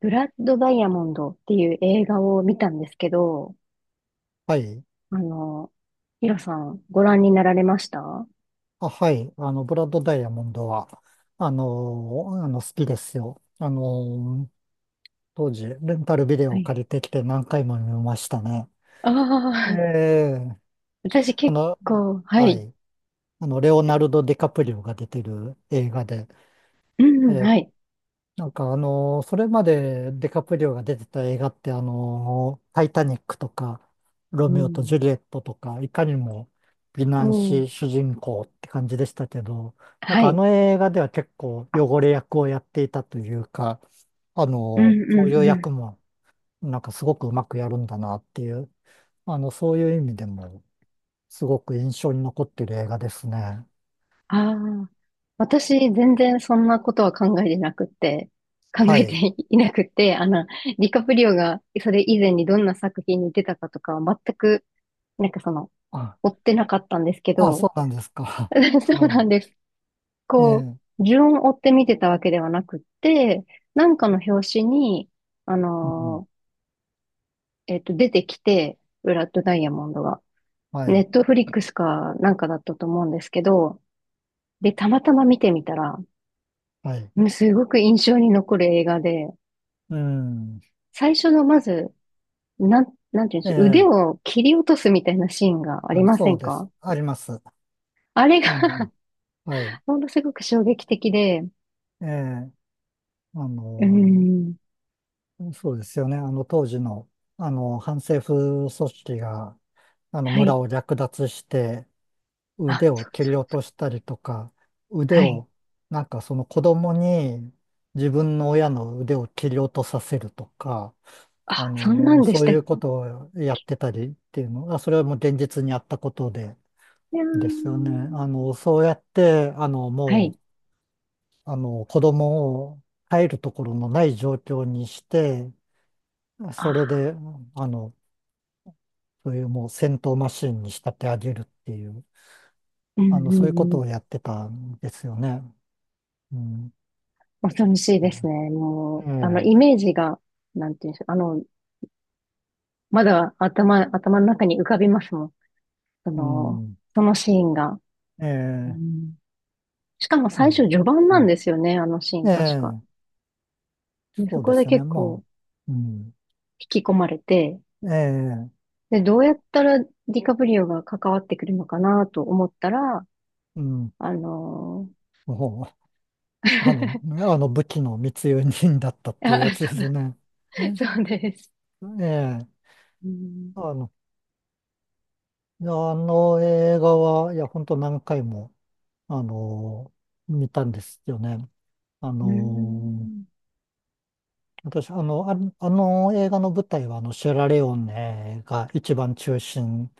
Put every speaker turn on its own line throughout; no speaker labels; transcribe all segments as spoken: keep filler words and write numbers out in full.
ブラッドダイヤモンドっていう映画を見たんですけど、
はい。
あの、ヒロさんご覧になられました？は
あ、はい。あの、ブラッドダイヤモンドは、あの、あの、好きですよ。あの、当時、レンタルビデオを
い。
借りてきて何回も見ましたね。
あ
え
あ、
え
私
あ
結
の、
構、は
は
い。
い。あの、レオナルド・ディカプリオが出てる映画で、
う
え
ん、
え
はい。
なんかあのーそれまでデカプリオが出てた映画ってあのータイタニックとか、ロ
う
ミオと
ん。
ジュリエットとか、いかにも美
お
男
ー、
子主人公って感じでしたけど、なん
は
かあ
い。
の映画では結構汚れ役をやっていたというか、あの
うん、
ーこう
う
いう
ん、う
役
ん。
もなんかすごくうまくやるんだなっていう、あの、そういう意味でもすごく印象に残ってる映画ですね。
ああ、私全然そんなことは考えてなくって、考
は
えて
い。
いなくって、あの、ディカプリオがそれ以前にどんな作品に出たかとかは全く、なんかその、
あ、
追ってなかったんですけ
あ、そ
ど、
うなんですか。
そう
は
な
い。
んです。
え
こ
え。
う、順を追って見てたわけではなくって、なんかの表紙に、あ
うん。
のーえっと、出てきて、ブラッドダイヤモンドが。
は
ネ
い。
ットフリックスかなんかだったと思うんですけど、で、たまたま見てみたら、
はい。
うん、すごく印象に残る映画で、
うん。
最初のまず、なん、なんていうんで
え
しょう、腕
え、
を切り落とすみたいなシーンがあり
あ
ませ
そう
ん
です。
か？
あります。
あれ
あの、
が
はい。
ものすごく衝撃的で、う
ええ、あ
ー
の、
ん、
そうですよね。あの、当時の、あの、反政府組織が、あの、
は
村
い。
を略奪して、
あ、
腕を
そう
切
そ
り落
う。
としたりとか、腕
はい。
を、なんかその子供に自分の親の腕を切り落とさせるとか、あ
あ、そんな
の、
んで
そ
し
う
た
い
っ？
うことをやってたりっていうのが、それはもう現実にあったことで、
いや
ですよね。
ー、
あの、そうやって、あの、
は
も
い。
う、あの、子供を帰るところのない状況にして、それ
あ、
で、あの、そういうもう戦闘マシンに仕立て上げるっていう、
うん
あ
う
の、そういうこ
んう
と
ん。
をやってたんですよね。うん。
恐ろしいですね。も
え
う、あの、
え、
イメージが、なんていうんでしょう。あの、まだ頭、頭の中に浮かびますもん。そ
う
の、
ん。
そのシーンが。
え
う
え、
ん、しかも
う
最初
ん。
序盤
う
なん
ん
ですよね、あのシー
え
ン確か。
え、
で、そ
そう
こ
で
で
すよね。
結構
もう、うん。
引き込まれて、
ええ、
で、どうやったらディカプリオが関わってくるのかなと思ったら、
うん。
あの
もう、あの、
ー
あの武器の密輸人だったっ ていうや
あ、
つ
そ
です
う、
ね。
そうです。
ええ、
うん、
あの、いやあの映画は、いや、本当何回も、あの、見たんですよね。あ
う
の、
ん、
私、あの、あ、あの映画の舞台は、あの、シェラレオネが一番中心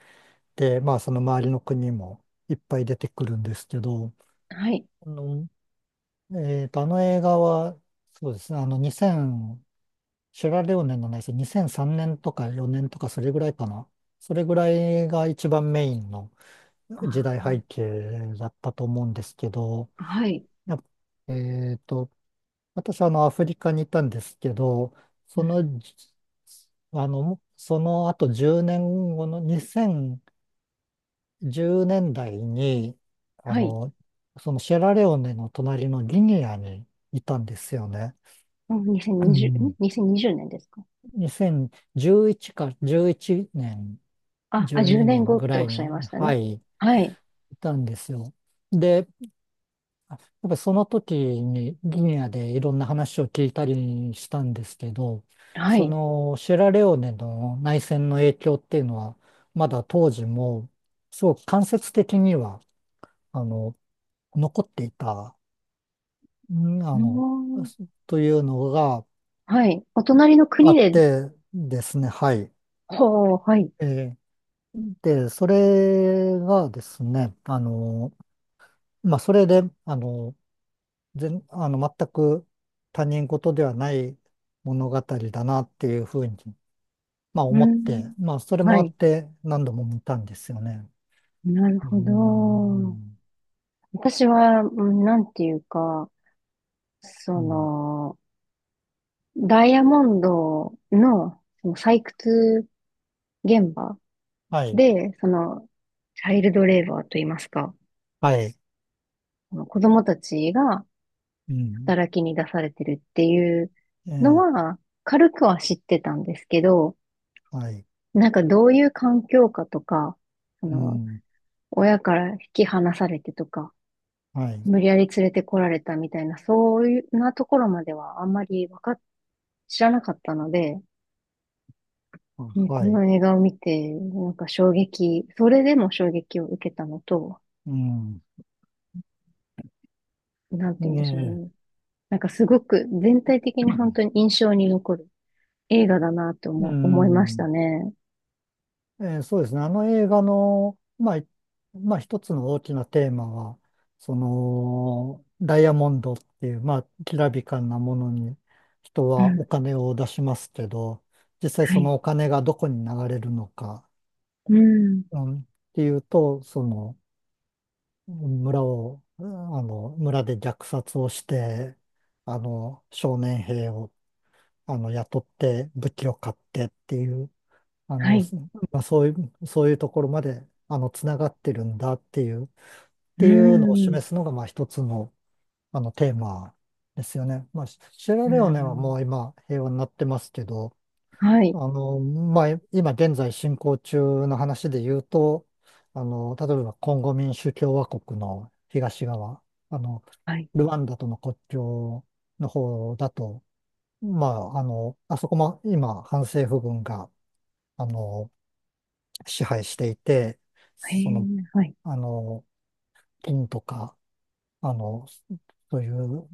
で、まあ、その周りの国もいっぱい出てくるんですけど、
はい。
あの、えーと、あの映画は、そうですね、あの、にせん、シェラレオネのないです、にせんさんねんとかよねんとか、それぐらいかな。それぐらいが一番メインの、時代
あ、
背景だったと思うんですけど、
はい。
やっえっと、私はあのアフリカにいたんですけど、
う
そ
ん、
のじ、あの、その後じゅうねんごのにせんじゅうねんだいに、あ
はい。
の、そのシェラレオネの隣のギニアにいたんですよね。
うん、
う
にせんにじゅう、ん？
ん、
にせんにじゅう 年ですか？
にせんじゅういちかじゅういちねん、
あ、あ、
12
10年
年
後っ
ぐ
て
ら
おっ
い
し
に、
ゃいました
は
ね。
い、い
はい。
たんですよ。で、やっぱりその時にギニアでいろんな話を聞いたりしたんですけど、
は
そ
い。
のシェラレオネの内戦の影響っていうのは、まだ当時も、すごく間接的には、あの、残っていた、ん
う
あ
ー
の、
ん、
というのが
はい。お隣の
あ
国
っ
で、
てですね、はい。
ほう、はい。
えーで、それがですね、あの、まあ、それで、あの、全、あの、全く他人事ではない物語だなっていうふうに、まあ
うー
思って、
ん。
まあそれも
は
あっ
い。
て何度も見たんですよね。
なる
うー
ほど。
ん、
私は、うん、なんていうか、そ
うん、
の、ダイヤモンドの、その採掘現場
はい、
で、その、チャイルドレーバーといいますか、
はい、
あの子供たちが、
うん、
働きに出されてるっていう
え
の
え、
は、軽くは知ってたんですけど、
はい、
なんかどういう環境かとか、あ
う
の、
ん、
親から引き離されてとか、
はい、
無理やり連れてこられたみたいな、そういうなところまではあんまりわかっ、知らなかったので、
あ
うん、こ
はい、
の映画を見て、なんか衝撃、それでも衝撃を受けたのと、
うん、
なんて
え
言うんでしょう
え、
ね。なんかすごく全体的に本当に印象に残る映画だなと
う
思、思いまし
ん。
たね。
えーそうですね。あの映画の、まあ、いまあ、一つの大きなテーマは、その、ダイヤモンドっていう、まあ、きらびかなものに人
う
はお
ん。
金を出しますけど、実際
は
そ
い。
のお金がどこに流れるのか、
うん。
うん、っていうと、その、村を、うんあの、村で虐殺をして、あの、少年兵を、あの、雇って武器を買ってっていう、あ
は
の、
い。
すまあ、そういう、そういうところまで、あの、つながってるんだっていう、っ
う
ていうのを
ん。
示すのが、まあ、一つの、あの、テーマですよね。まあ、シシェラ
う
レオネはも
ん。
う今、平和になってますけど、
はい。
あの、まあ、今現在進行中の話で言うと、あの、例えば、コンゴ民主共和国の東側、あの、
はい。
ルワンダとの国境の方だと、まあ、あの、あそこも今、反政府軍が、あの支配していて、
へ
そ
え、
の、
はい。
あの、金とか、あの、そういう、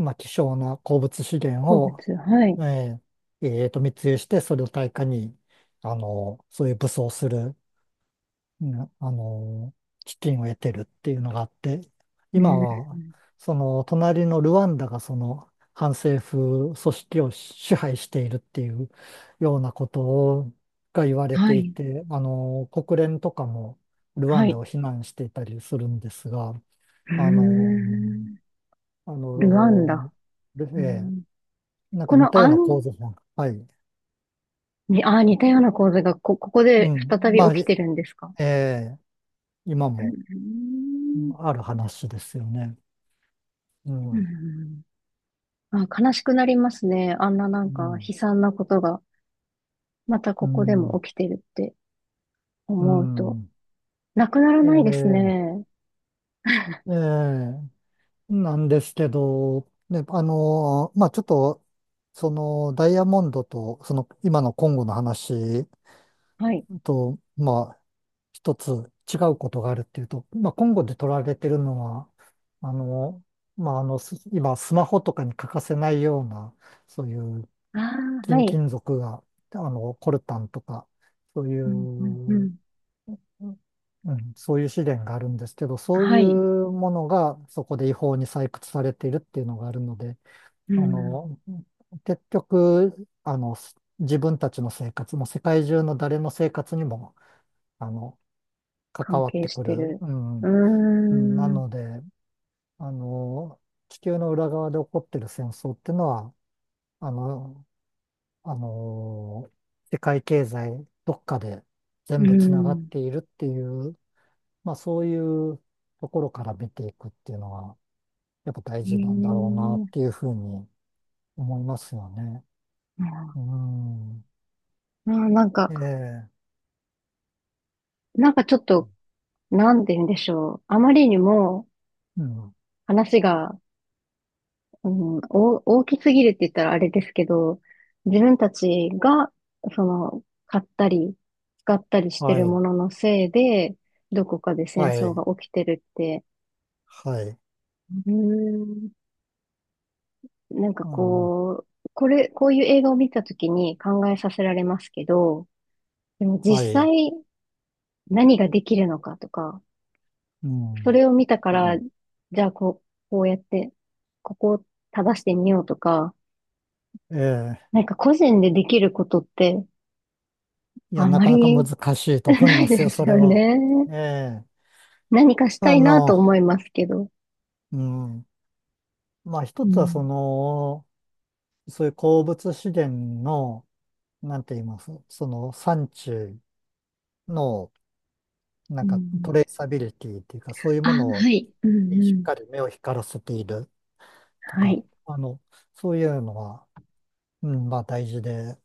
まあ、希少な鉱物資源
好物。
を、
はい。
えーえーと、密輸して、それを対価に、あの、そういう武装するね、あの、基金を得てるっていうのがあって、
う
今は、
ん。
その、隣のルワンダがその、反政府組織を支配しているっていうようなことをが言われ
は
てい
い。
て、あの、国連とかもルワ
は
ンダ
い。
を非難していたりするんですが、
うー
あの、
ん。
あ
ルワン
の、
ダ。う
ええ
ん、
なんか
こ
似
の
たよう
ア
な構図も、はい、
に、あー、似たような構図がこ、ここ
う
で
ん、
再び
まあ、
起き
え
てるんですか？
え今
う
も
ん
ある話ですよね。う
う
ん
ん、あ、悲しくなりますね。あんなな
う
んか悲
ん、
惨なことが、また
う
ここでも
ん、
起きてるって
う
思うと。
ん
なくなら
え
ないです
え、
ね。
ええ、なんですけど、ね、あの、まあ、ちょっと、その、ダイヤモンドと、その、今のコンゴの話
はい。
と、まあ、一つ違うことがあるっていうと、まあ、コンゴで取られてるのは、あの、まあ、あの、す今、スマホとかに欠かせないような、そういう
ああ、は
金、
い。
金属が、あの、コルタンとか、そうい
うんうんう
う、
ん。
うんうん、そういう資源があるんですけど、そうい
はい。
うものがそこで違法に採掘されているっていうのがあるので、
う
あ
ん。
の、結局、あの、自分たちの生活も世界中の誰の生活にも、あの、関
関
わっ
係
て
し
く
て
る。
る。
う
う
ん。うんな
ー
の
ん。
で、あの、地球の裏側で起こってる戦争っていうのは、あの、あの、世界経済どっかで
う
全部つながっ
ん。
ているっていうまあそういうところから見ていくっていうのは、やっぱ大
へ
事なんだろうなっ
え。
ていうふうに思いますよね。う
あ
ん。
あ、なんか、
ええ。
なんかちょっと、なんて言うんでしょう。あまりにも
うん。
話が、うん、お大きすぎるって言ったらあれですけど、自分たちが、その、買ったり、使ったりして
は
る
い。
もののせいで、どこかで戦
は
争
い。
が起きてるって、
はい。
うーん、なんか
あの、
こう、これ、こういう映画を見たときに考えさせられますけど、でも実
はい。
際何ができるのかとか、
う
そ
ん。
れを見たから、じゃあこう、こうやって、ここを正してみようとか、
ええ。
なんか個人でできることって
いや、
あん
な
ま
かなか
り
難しい と思い
な
ま
い
す
で
よ、
す
それ
よ
は。
ね。
ええ。
何かした
あ
いな
の、
と思いますけど。
うん。まあ一
う
つはそ
ん。
の、そういう鉱物資源の、なんて言います、その産地の、な
う
んか
ん。
トレーサビリティっていうか、そういう
あ、
もの
はい。うん
に
う
しっ
ん。
かり目を光らせていると
は
か、
い。
あの、そういうのは、うん、まあ大事で、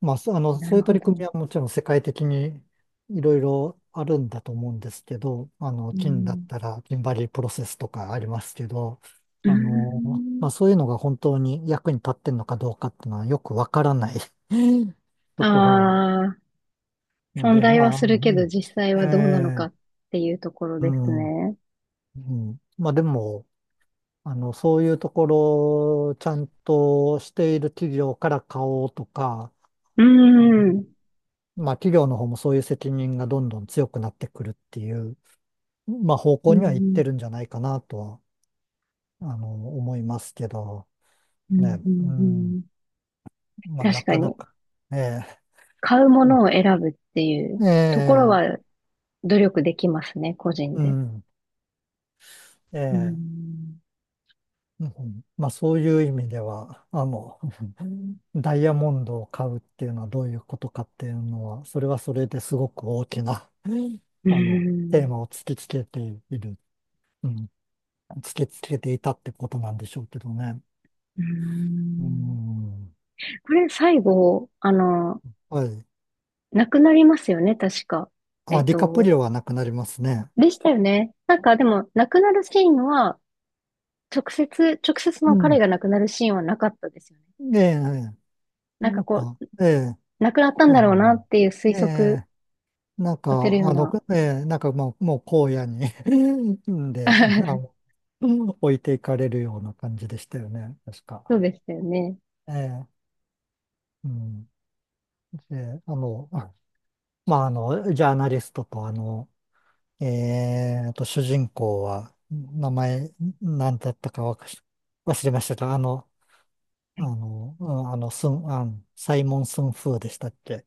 まあ、そあの、
な
そう
る
いう
ほ
取り組
ど。
みはもちろん世界的にいろいろあるんだと思うんですけど、あの、
う
金だっ
ん。
たら、金バリープロセスとかありますけど、
う
あの、ま
ん。
あそういうのが本当に役に立ってんのかどうかっていうのはよくわからない
あ
ところ
あ。
なの
存
で、
在
ま
は
あ、
す
う
るけど
ん
実際
え
はどうなのか
え
っていうところ
う
です
ん。
ね。
うん、まあでも、あの、そういうところをちゃんとしている企業から買おうとか、
う
あ
ん。
まあ企業の方もそういう責任がどんどん強くなってくるっていう、まあ方
う
向
んう
にはいっ
ん、
てるんじゃないかなとは、あの、思いますけど、
う
ね、
ん、う
う
ん、う
ん、
ん。
まあな
確か
かな
に、
か、ええ、
買うも
うん
のを選ぶってい
え
うところ
え、
は努力できますね、個人
う
で。
ん、え
う
え、
ん。
うんまあそういう意味では、あの、ダイヤモンドを買うっていうのはどういうことかっていうのは、それはそれですごく大きな、うん
う
あの、テー
ん。
マを突きつけている、うん、突きつけていたってことなんでしょうけどね。
う
う
ん。
ん。
これ最後、あの、
はい。
なくなりますよね、確か。え
あ、
っ
ディカプリ
と、
オはなくなりますね。
でしたよね。なんかでも、なくなるシーンは、直接、直接
う
の彼
ん。
が亡くなるシーンはなかったですよね。
ええ、
なんか
なん
こ
か、
う、
ええ、
なくなったん
う
だろうな
ん。
っていう推
え
測
え、なんか、
させるよう
あの、
な。
ええ、なんかもう、もう荒野に んで、あの、置いていかれるような感じでしたよね、確
そ
か。
うでしたよね。
ええうん。で、あの、あまあ、あの、ジャーナリストと、あの、えーと、主人公は、名前、なんだったかわかし忘れましたが、あの、
は
あ
い。
の、うんあの、スン、あの、サイモン・スンフーでしたっけ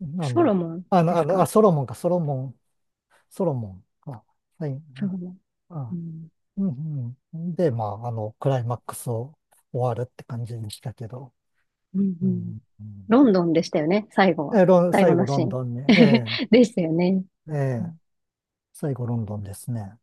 あ
ソロ
の、
モン
あ
で
の、
す
あの、あ、
か？
ソロモンか、ソロモン、ソロモンか、はい、
ソロモン。う
あ、
ん。
うん、うん。で、まあ、あの、クライマックスを終わるって感じでしたけど、
うんう
う
ん。
ん、うん
ロンドンでしたよね、最後は。
え、ロン、
最後
最後、
の
ロ
シ
ン
ーン。
ドンに、え
でしたよね。
えええ最後ロンドンですね。